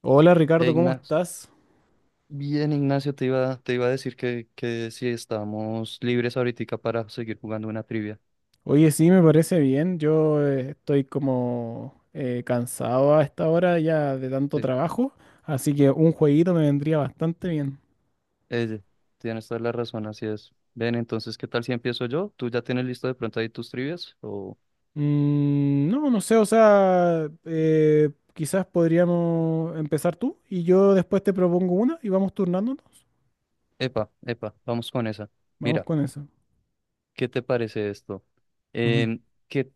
Hola Ricardo, ¿cómo Ignacio, estás? bien, Ignacio, te iba a decir que si estamos libres ahorita para seguir jugando una trivia. Oye, sí, me parece bien. Yo estoy como cansado a esta hora ya de tanto Sí, trabajo, así que un jueguito me vendría bastante bien. eh, tienes toda la razón, así es. Ven, entonces, ¿qué tal si empiezo yo? ¿Tú ya tienes listo de pronto ahí tus trivias? No, no sé, o sea, quizás podríamos empezar tú y yo después te propongo una y vamos turnándonos. Epa, epa, vamos con esa. Vamos Mira, con eso. ¿qué te parece esto? Ujú. Em, ¿qué,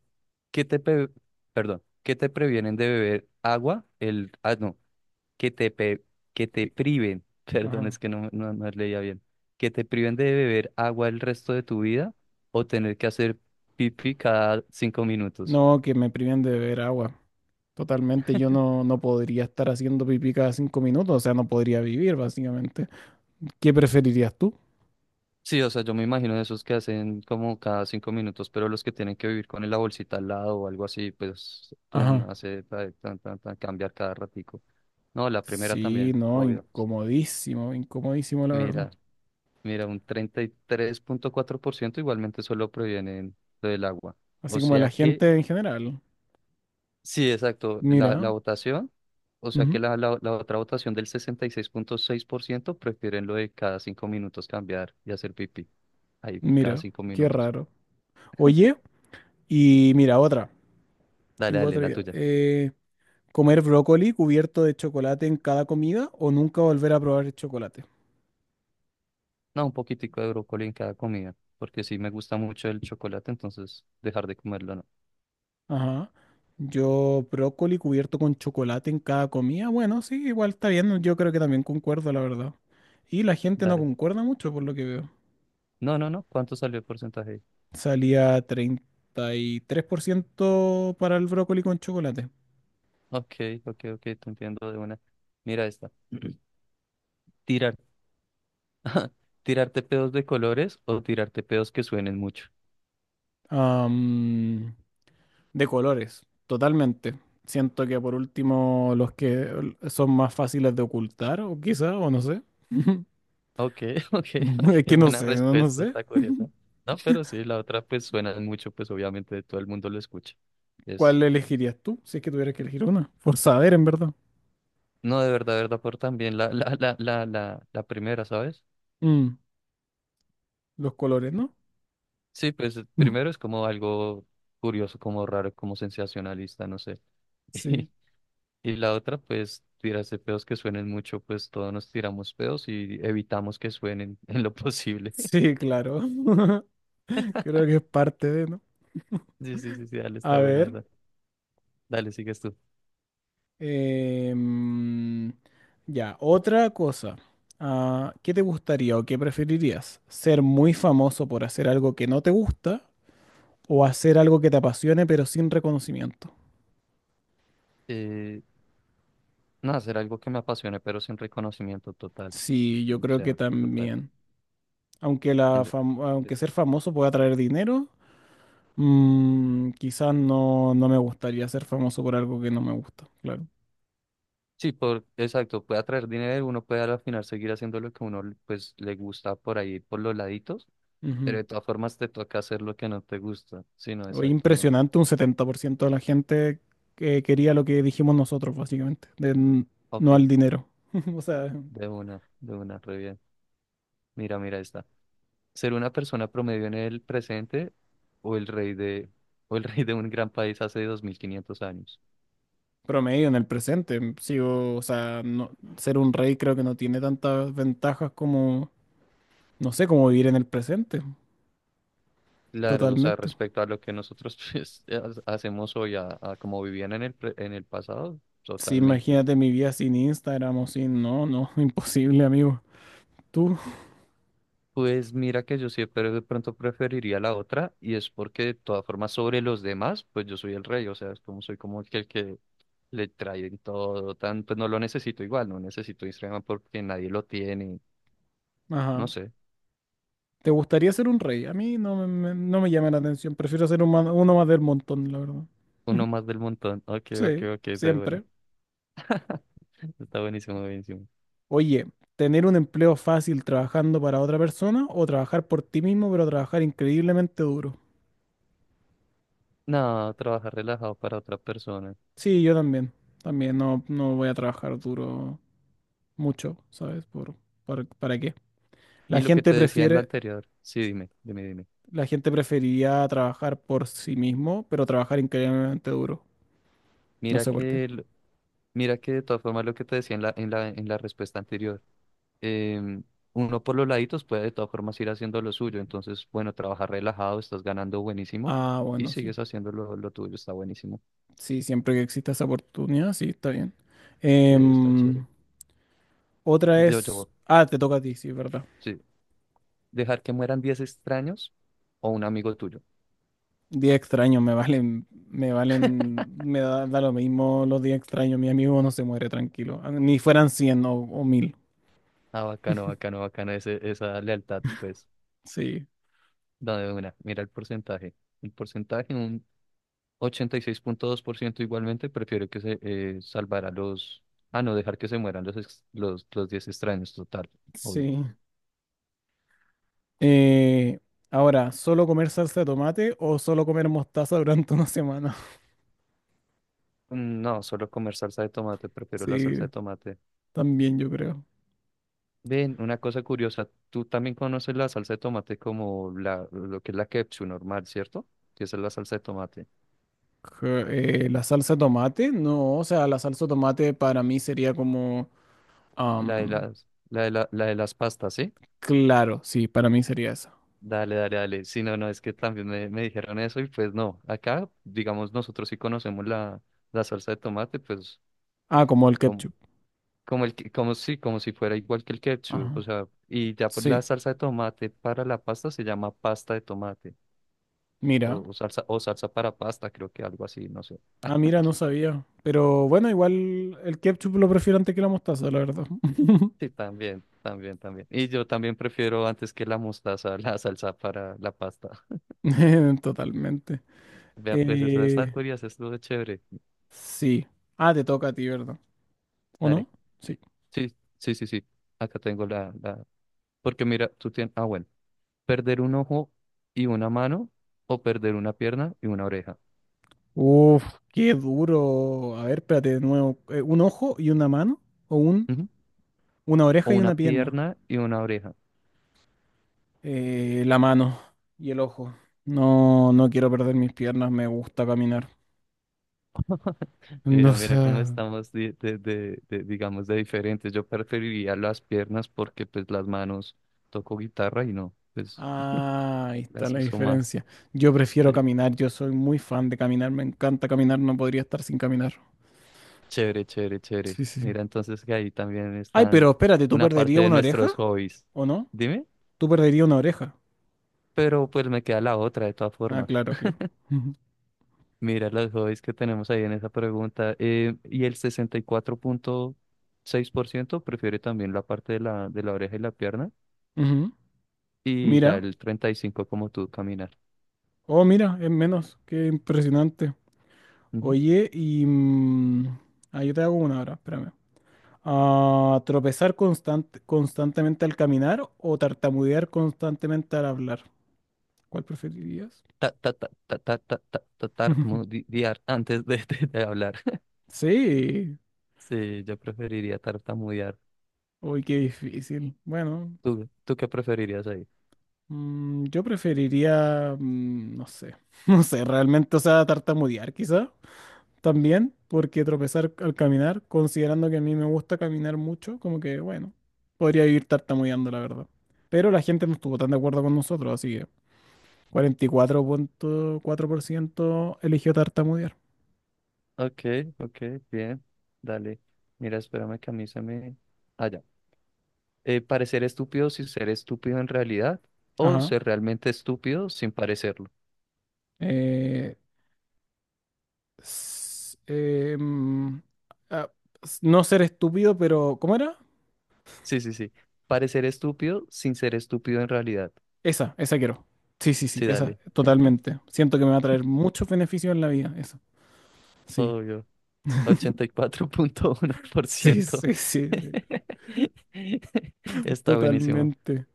qué te pe- Perdón, ¿qué te previenen de beber agua? Ah, no. que te, pe- que te Sí. priven, perdón, Ajá. es que no leía bien, que te priven de beber agua el resto de tu vida o tener que hacer pipí cada 5 minutos. No, que me priven de beber agua. Totalmente, yo no podría estar haciendo pipí cada cinco minutos, o sea, no podría vivir básicamente. ¿Qué preferirías tú? Sí, o sea, yo me imagino de esos que hacen como cada 5 minutos, pero los que tienen que vivir con la bolsita al lado o algo así, pues tú Ajá. hace tan, cambiar cada ratico. No, la primera Sí, también, no, obvio. incomodísimo, incomodísimo, la verdad. Mira, mira, un 33.4% igualmente solo provienen del agua. O Así como de sea la que gente en general. sí, exacto. La Mira. votación, o sea que Ujú. la otra votación del 66.6% prefieren lo de cada 5 minutos cambiar y hacer pipí. Ahí, cada Mira, cinco qué minutos. raro. Oye, y mira, otra. Dale, Tengo dale, otra la idea. tuya. ¿Comer brócoli cubierto de chocolate en cada comida o nunca volver a probar el chocolate? No, un poquitico de brócoli en cada comida, porque sí me gusta mucho el chocolate, entonces dejar de comerlo no. Ajá. Yo, brócoli cubierto con chocolate en cada comida. Bueno, sí, igual está bien. Yo creo que también concuerdo, la verdad. Y la gente no Dale. concuerda mucho por lo que veo. No, no, no. ¿Cuánto salió el porcentaje ahí? Salía 33% para el brócoli con chocolate. Ok, ok, ok, te entiendo de una. Mira esta. Tirar. ¿Tirarte pedos de colores o tirarte pedos que suenen mucho? Am, de colores, totalmente. Siento que por último los que son más fáciles de ocultar, o quizá, o no sé. Ok, ok, Es ok, que no buena sé, no, no respuesta, sé. está curiosa. No, pero sí, la otra pues suena mucho, pues obviamente todo el mundo lo escucha. Es, ¿Cuál elegirías tú si es que tuvieras que elegir una? Por saber, en verdad. no, de verdad, por también la primera, ¿sabes? Mm, los colores, ¿no? Sí, pues primero es como algo curioso, como raro, como sensacionalista, no sé. Sí, Y, la otra, pues tirarse pedos que suenen mucho, pues todos nos tiramos pedos y evitamos que suenen en lo posible. sí, claro. Creo que es parte de, ¿no? Sí, sí, sí, sí, dale, A está buena ver. esa. Dale, sigues tú. Em, ya, otra cosa. Ah, ¿qué te gustaría o qué preferirías? ¿Ser muy famoso por hacer algo que no te gusta o hacer algo que te apasione pero sin reconocimiento? Eh, No, hacer algo que me apasione, pero sin reconocimiento total. Sí, yo O creo que sea, total. también. Aunque, la Yo- fam- aunque ser famoso pueda traer dinero, quizás no me gustaría ser famoso por algo que no me gusta, claro. Sí, por, exacto, puede atraer dinero, uno puede al final seguir haciendo lo que uno pues le gusta por ahí, por los laditos, pero Ujú. de todas formas te toca hacer lo que no te gusta. Sí, no, Oye, exacto, no. impresionante, un 70% de la gente que quería lo que dijimos nosotros, básicamente, de no Ok, al dinero. O sea, de una, re bien. Mira, mira esta. Ser una persona promedio en el presente o el rey de, o el rey de un gran país hace 2500 años. promedio en el presente. Sigo, o sea, ser un rey creo que no tiene tantas ventajas como, no sé, como vivir en el presente, Claro, o sea, totalmente. respecto a lo que nosotros pues, hacemos hoy, a como vivían en el pasado, Sí, totalmente. imagínate mi vida sin Instagram o sin, no, no, imposible, amigo. Tú, Pues mira que yo siempre de pronto preferiría la otra y es porque de todas formas sobre los demás, pues yo soy el rey, o sea, es como soy como el que le traen todo, tan, pues no lo necesito igual, no necesito Instagram porque nadie lo tiene, ajá. no sé, ¿Te gustaría ser un rey? A mí no me llama la atención, prefiero ser uno más del montón, la verdad. uno más del montón. Ok, ok, Sí, ok, de buena. siempre. Está buenísimo, buenísimo. Oye, ¿tener un empleo fácil trabajando para otra persona o trabajar por ti mismo pero trabajar increíblemente duro? No, trabajar relajado para otra persona. Sí, yo también. También no voy a trabajar duro mucho, ¿sabes? ¿Para qué? Y La lo que gente te decía en la prefiere, anterior, sí, dime, dime, dime. la gente preferiría trabajar por sí mismo pero trabajar increíblemente duro. No Mira sé por qué. que, el- mira que de todas formas lo que te decía en la respuesta anterior, em, uno por los laditos puede de todas formas ir haciendo lo suyo, entonces, bueno, trabajar relajado, estás ganando buenísimo Ah, y bueno, sí. sigues haciendo lo tuyo, está buenísimo. Sí, siempre que exista esa oportunidad, sí, está bien. Sí, está Em, chévere. Yo, yo, Ah, te toca a ti, sí, es ¿verdad? sí, dejar que mueran 10 extraños o un amigo tuyo. Día extraño, me valen, me valen, me da lo mismo los días extraños, mi amigo no se muere tranquilo, ah, ni fueran 100 o 1000. Ah, bacano, bacano, bacano, ese, esa lealtad, pues, Sí, dame una, mira el porcentaje. El porcentaje, 86.2% igualmente prefiere que se salvara los. Ah, no, dejar que se mueran los 10 extraños, total, obvio. sí. Eh, Ahora, ¿solo comer salsa de tomate o solo comer mostaza durante una semana? Mm, no, solo comer salsa de tomate, prefiero la Sí, salsa de tomate. también yo creo. Ven, una cosa curiosa, tú también conoces la salsa de tomate como lo que es la ketchup normal, ¿cierto? Que esa es la salsa de tomate. ¿La salsa de tomate? No, o sea, la salsa de tomate para mí sería como, La de am, las, la de la, la de las pastas, ¿sí? claro, sí, para mí sería esa. Dale, dale, dale. Sí, no, no, es que también me dijeron eso y pues no, acá, digamos, nosotros sí conocemos la salsa de tomate, pues. Ah, como el ketchup. Como el que- como si fuera igual que el ketchup, o Ajá. sea, y ya pues Sí. la salsa de tomate para la pasta se llama pasta de tomate, Mira, o salsa para pasta, creo que algo así, no sé. ah, mira, no sabía. Pero bueno, igual el ketchup lo prefiero antes que la mostaza, la verdad. Sí, también, también, también. Y yo también prefiero antes que la mostaza, la salsa para la pasta. Totalmente. Vea, pues esa está Eh, curiosa, esto es chévere. sí. Ah, te toca a ti, ¿verdad? ¿O Dale. no? Sí. Sí, sí, sí, sí. Acá tengo la. Porque mira, tú tienes, ah, bueno, perder un ojo y una mano, o perder una pierna y una oreja. Uf, qué duro. A ver, espérate de nuevo. ¿Un ojo y una mano? ¿O un, Ujú. una O oreja y una una pierna? pierna y una oreja. La mano y el ojo. No, no quiero perder mis piernas, me gusta caminar. No Mira, mira sé. cómo estamos digamos, de diferentes. Yo preferiría las piernas porque pues las manos toco guitarra y no, pues Ah, ahí está las la uso más. diferencia. Yo prefiero Sí. caminar, yo soy muy fan de caminar, me encanta caminar, no podría estar sin caminar. Chévere, chévere, chévere. Sí, sí, sí. Mira, entonces que ahí también Ay, pero están espérate, ¿tú una parte perderías de una oreja? nuestros hobbies. ¿O no? Dime, ¿Tú perderías una oreja? pero pues me queda la otra de todas Ah, formas. claro, claro. Ujú, Mira los hobbies que tenemos ahí en esa pregunta. Y el 64.6% prefiere también la parte de la oreja y la pierna ujú. y ya Mira, el 35 como tú caminar. oh, mira, es menos, qué impresionante. Oye, y, ah, yo te hago una ahora, espérame. Ah, ¿tropezar constantemente al caminar o tartamudear constantemente al hablar? ¿Cuál preferirías? Tartamudear antes de hablar. Sí, Sí, yo preferiría tartamudear. uy, qué difícil. Bueno, ¿Tú qué preferirías ahí? Yo preferiría, no sé, no sé, realmente, o sea, tartamudear quizá también, porque tropezar al caminar, considerando que a mí me gusta caminar mucho, como que, bueno, podría vivir tartamudeando, la verdad. Pero la gente no estuvo tan de acuerdo con nosotros, así que 44.4% eligió tartamudear. Ok, ok, bien. Dale. Mira, espérame que a mí se me. Allá parecer estúpido sin ser estúpido en realidad o Ajá. ser realmente estúpido sin parecerlo. Eh, s- em, ah, no ser estúpido, pero ¿cómo era? Sí, sí, sí. Parecer estúpido sin ser estúpido en realidad. Esa quiero. Sí, sí, sí, Sí, esa, dale. totalmente. Siento que me va a traer muchos beneficios en la vida, eso. Sí, Obvio. ochenta y cuatro punto uno por sí, ciento sí, sí, sí, Está buenísimo. totalmente.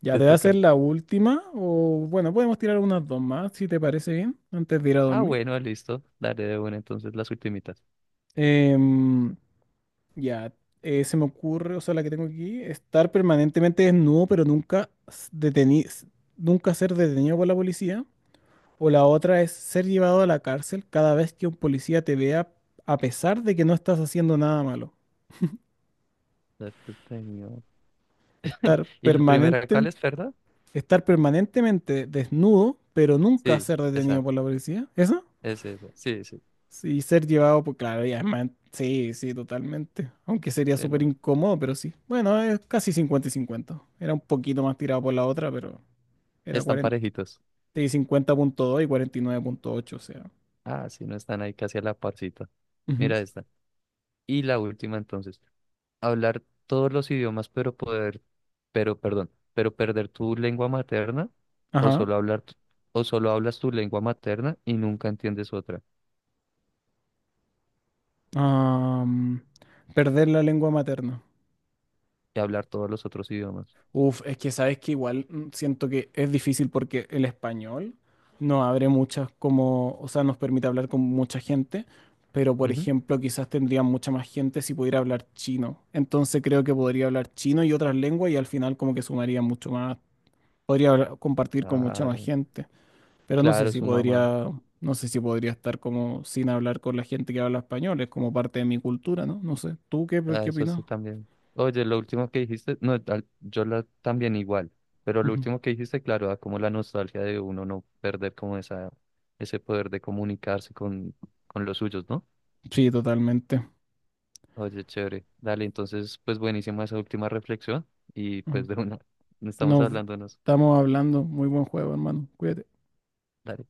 ¿Ya Te te va a hacer toca. la última? O bueno, podemos tirar unas dos más, si te parece bien, antes de ir a Ah, dormir. bueno, listo. Daré de una entonces las ultimitas. Em, ya, se me ocurre, o sea, la que tengo aquí, estar permanentemente desnudo, pero nunca ser detenido por la policía. O la otra es ser llevado a la cárcel cada vez que un policía te vea a pesar de que no estás haciendo nada malo. Darte tenido. Estar ¿Y la primera cuál permanente, es, perdón? estar permanentemente desnudo, pero nunca Sí, ser esa, detenido por la policía. ¿Eso? es esa. Sí, sí. Sí, Claro, Sí, sí, totalmente. Aunque sería Sí, súper no, incómodo, pero sí. Bueno, es casi 50 y cincuenta. Era un poquito más tirado por la otra, pero era están 40 parejitos. y 50,2 y 49,8, o sea. Ah, sí, no están ahí casi a la parcita. Ujú. Mira esta. Y la última entonces. Hablar todos los idiomas, pero poder, pero, perdón, pero perder tu lengua materna, o Ajá. solo hablar, tu- o solo hablas tu lengua materna y nunca entiendes otra. Am, Perder la lengua materna. Y hablar todos los otros idiomas. Uf, es que sabes que igual siento que es difícil porque el español no abre muchas como, o sea, nos permite hablar con mucha gente, pero por Ujú. ejemplo, quizás tendría mucha más gente si pudiera hablar chino. Entonces creo que podría hablar chino y otras lenguas y al final como que sumaría mucho más, podría compartir con mucha más Claro, gente, pero no sé claro, si su mamá. podría, no sé si podría estar como sin hablar con la gente que habla español, es como parte de mi cultura, ¿no? No sé. ¿Tú qué, Ah, qué eso sí opinas? también. Oye, lo último que dijiste, no, también igual, pero lo Ujú. último que dijiste, claro, da como la nostalgia de uno no perder como esa, ese poder de comunicarse con los suyos, ¿no? Sí, totalmente. Oye, chévere. Dale, entonces, pues buenísima esa última reflexión y pues Ujú. de una, no estamos Nos hablándonos. estamos hablando. Muy buen juego, hermano. Cuídate. Dale.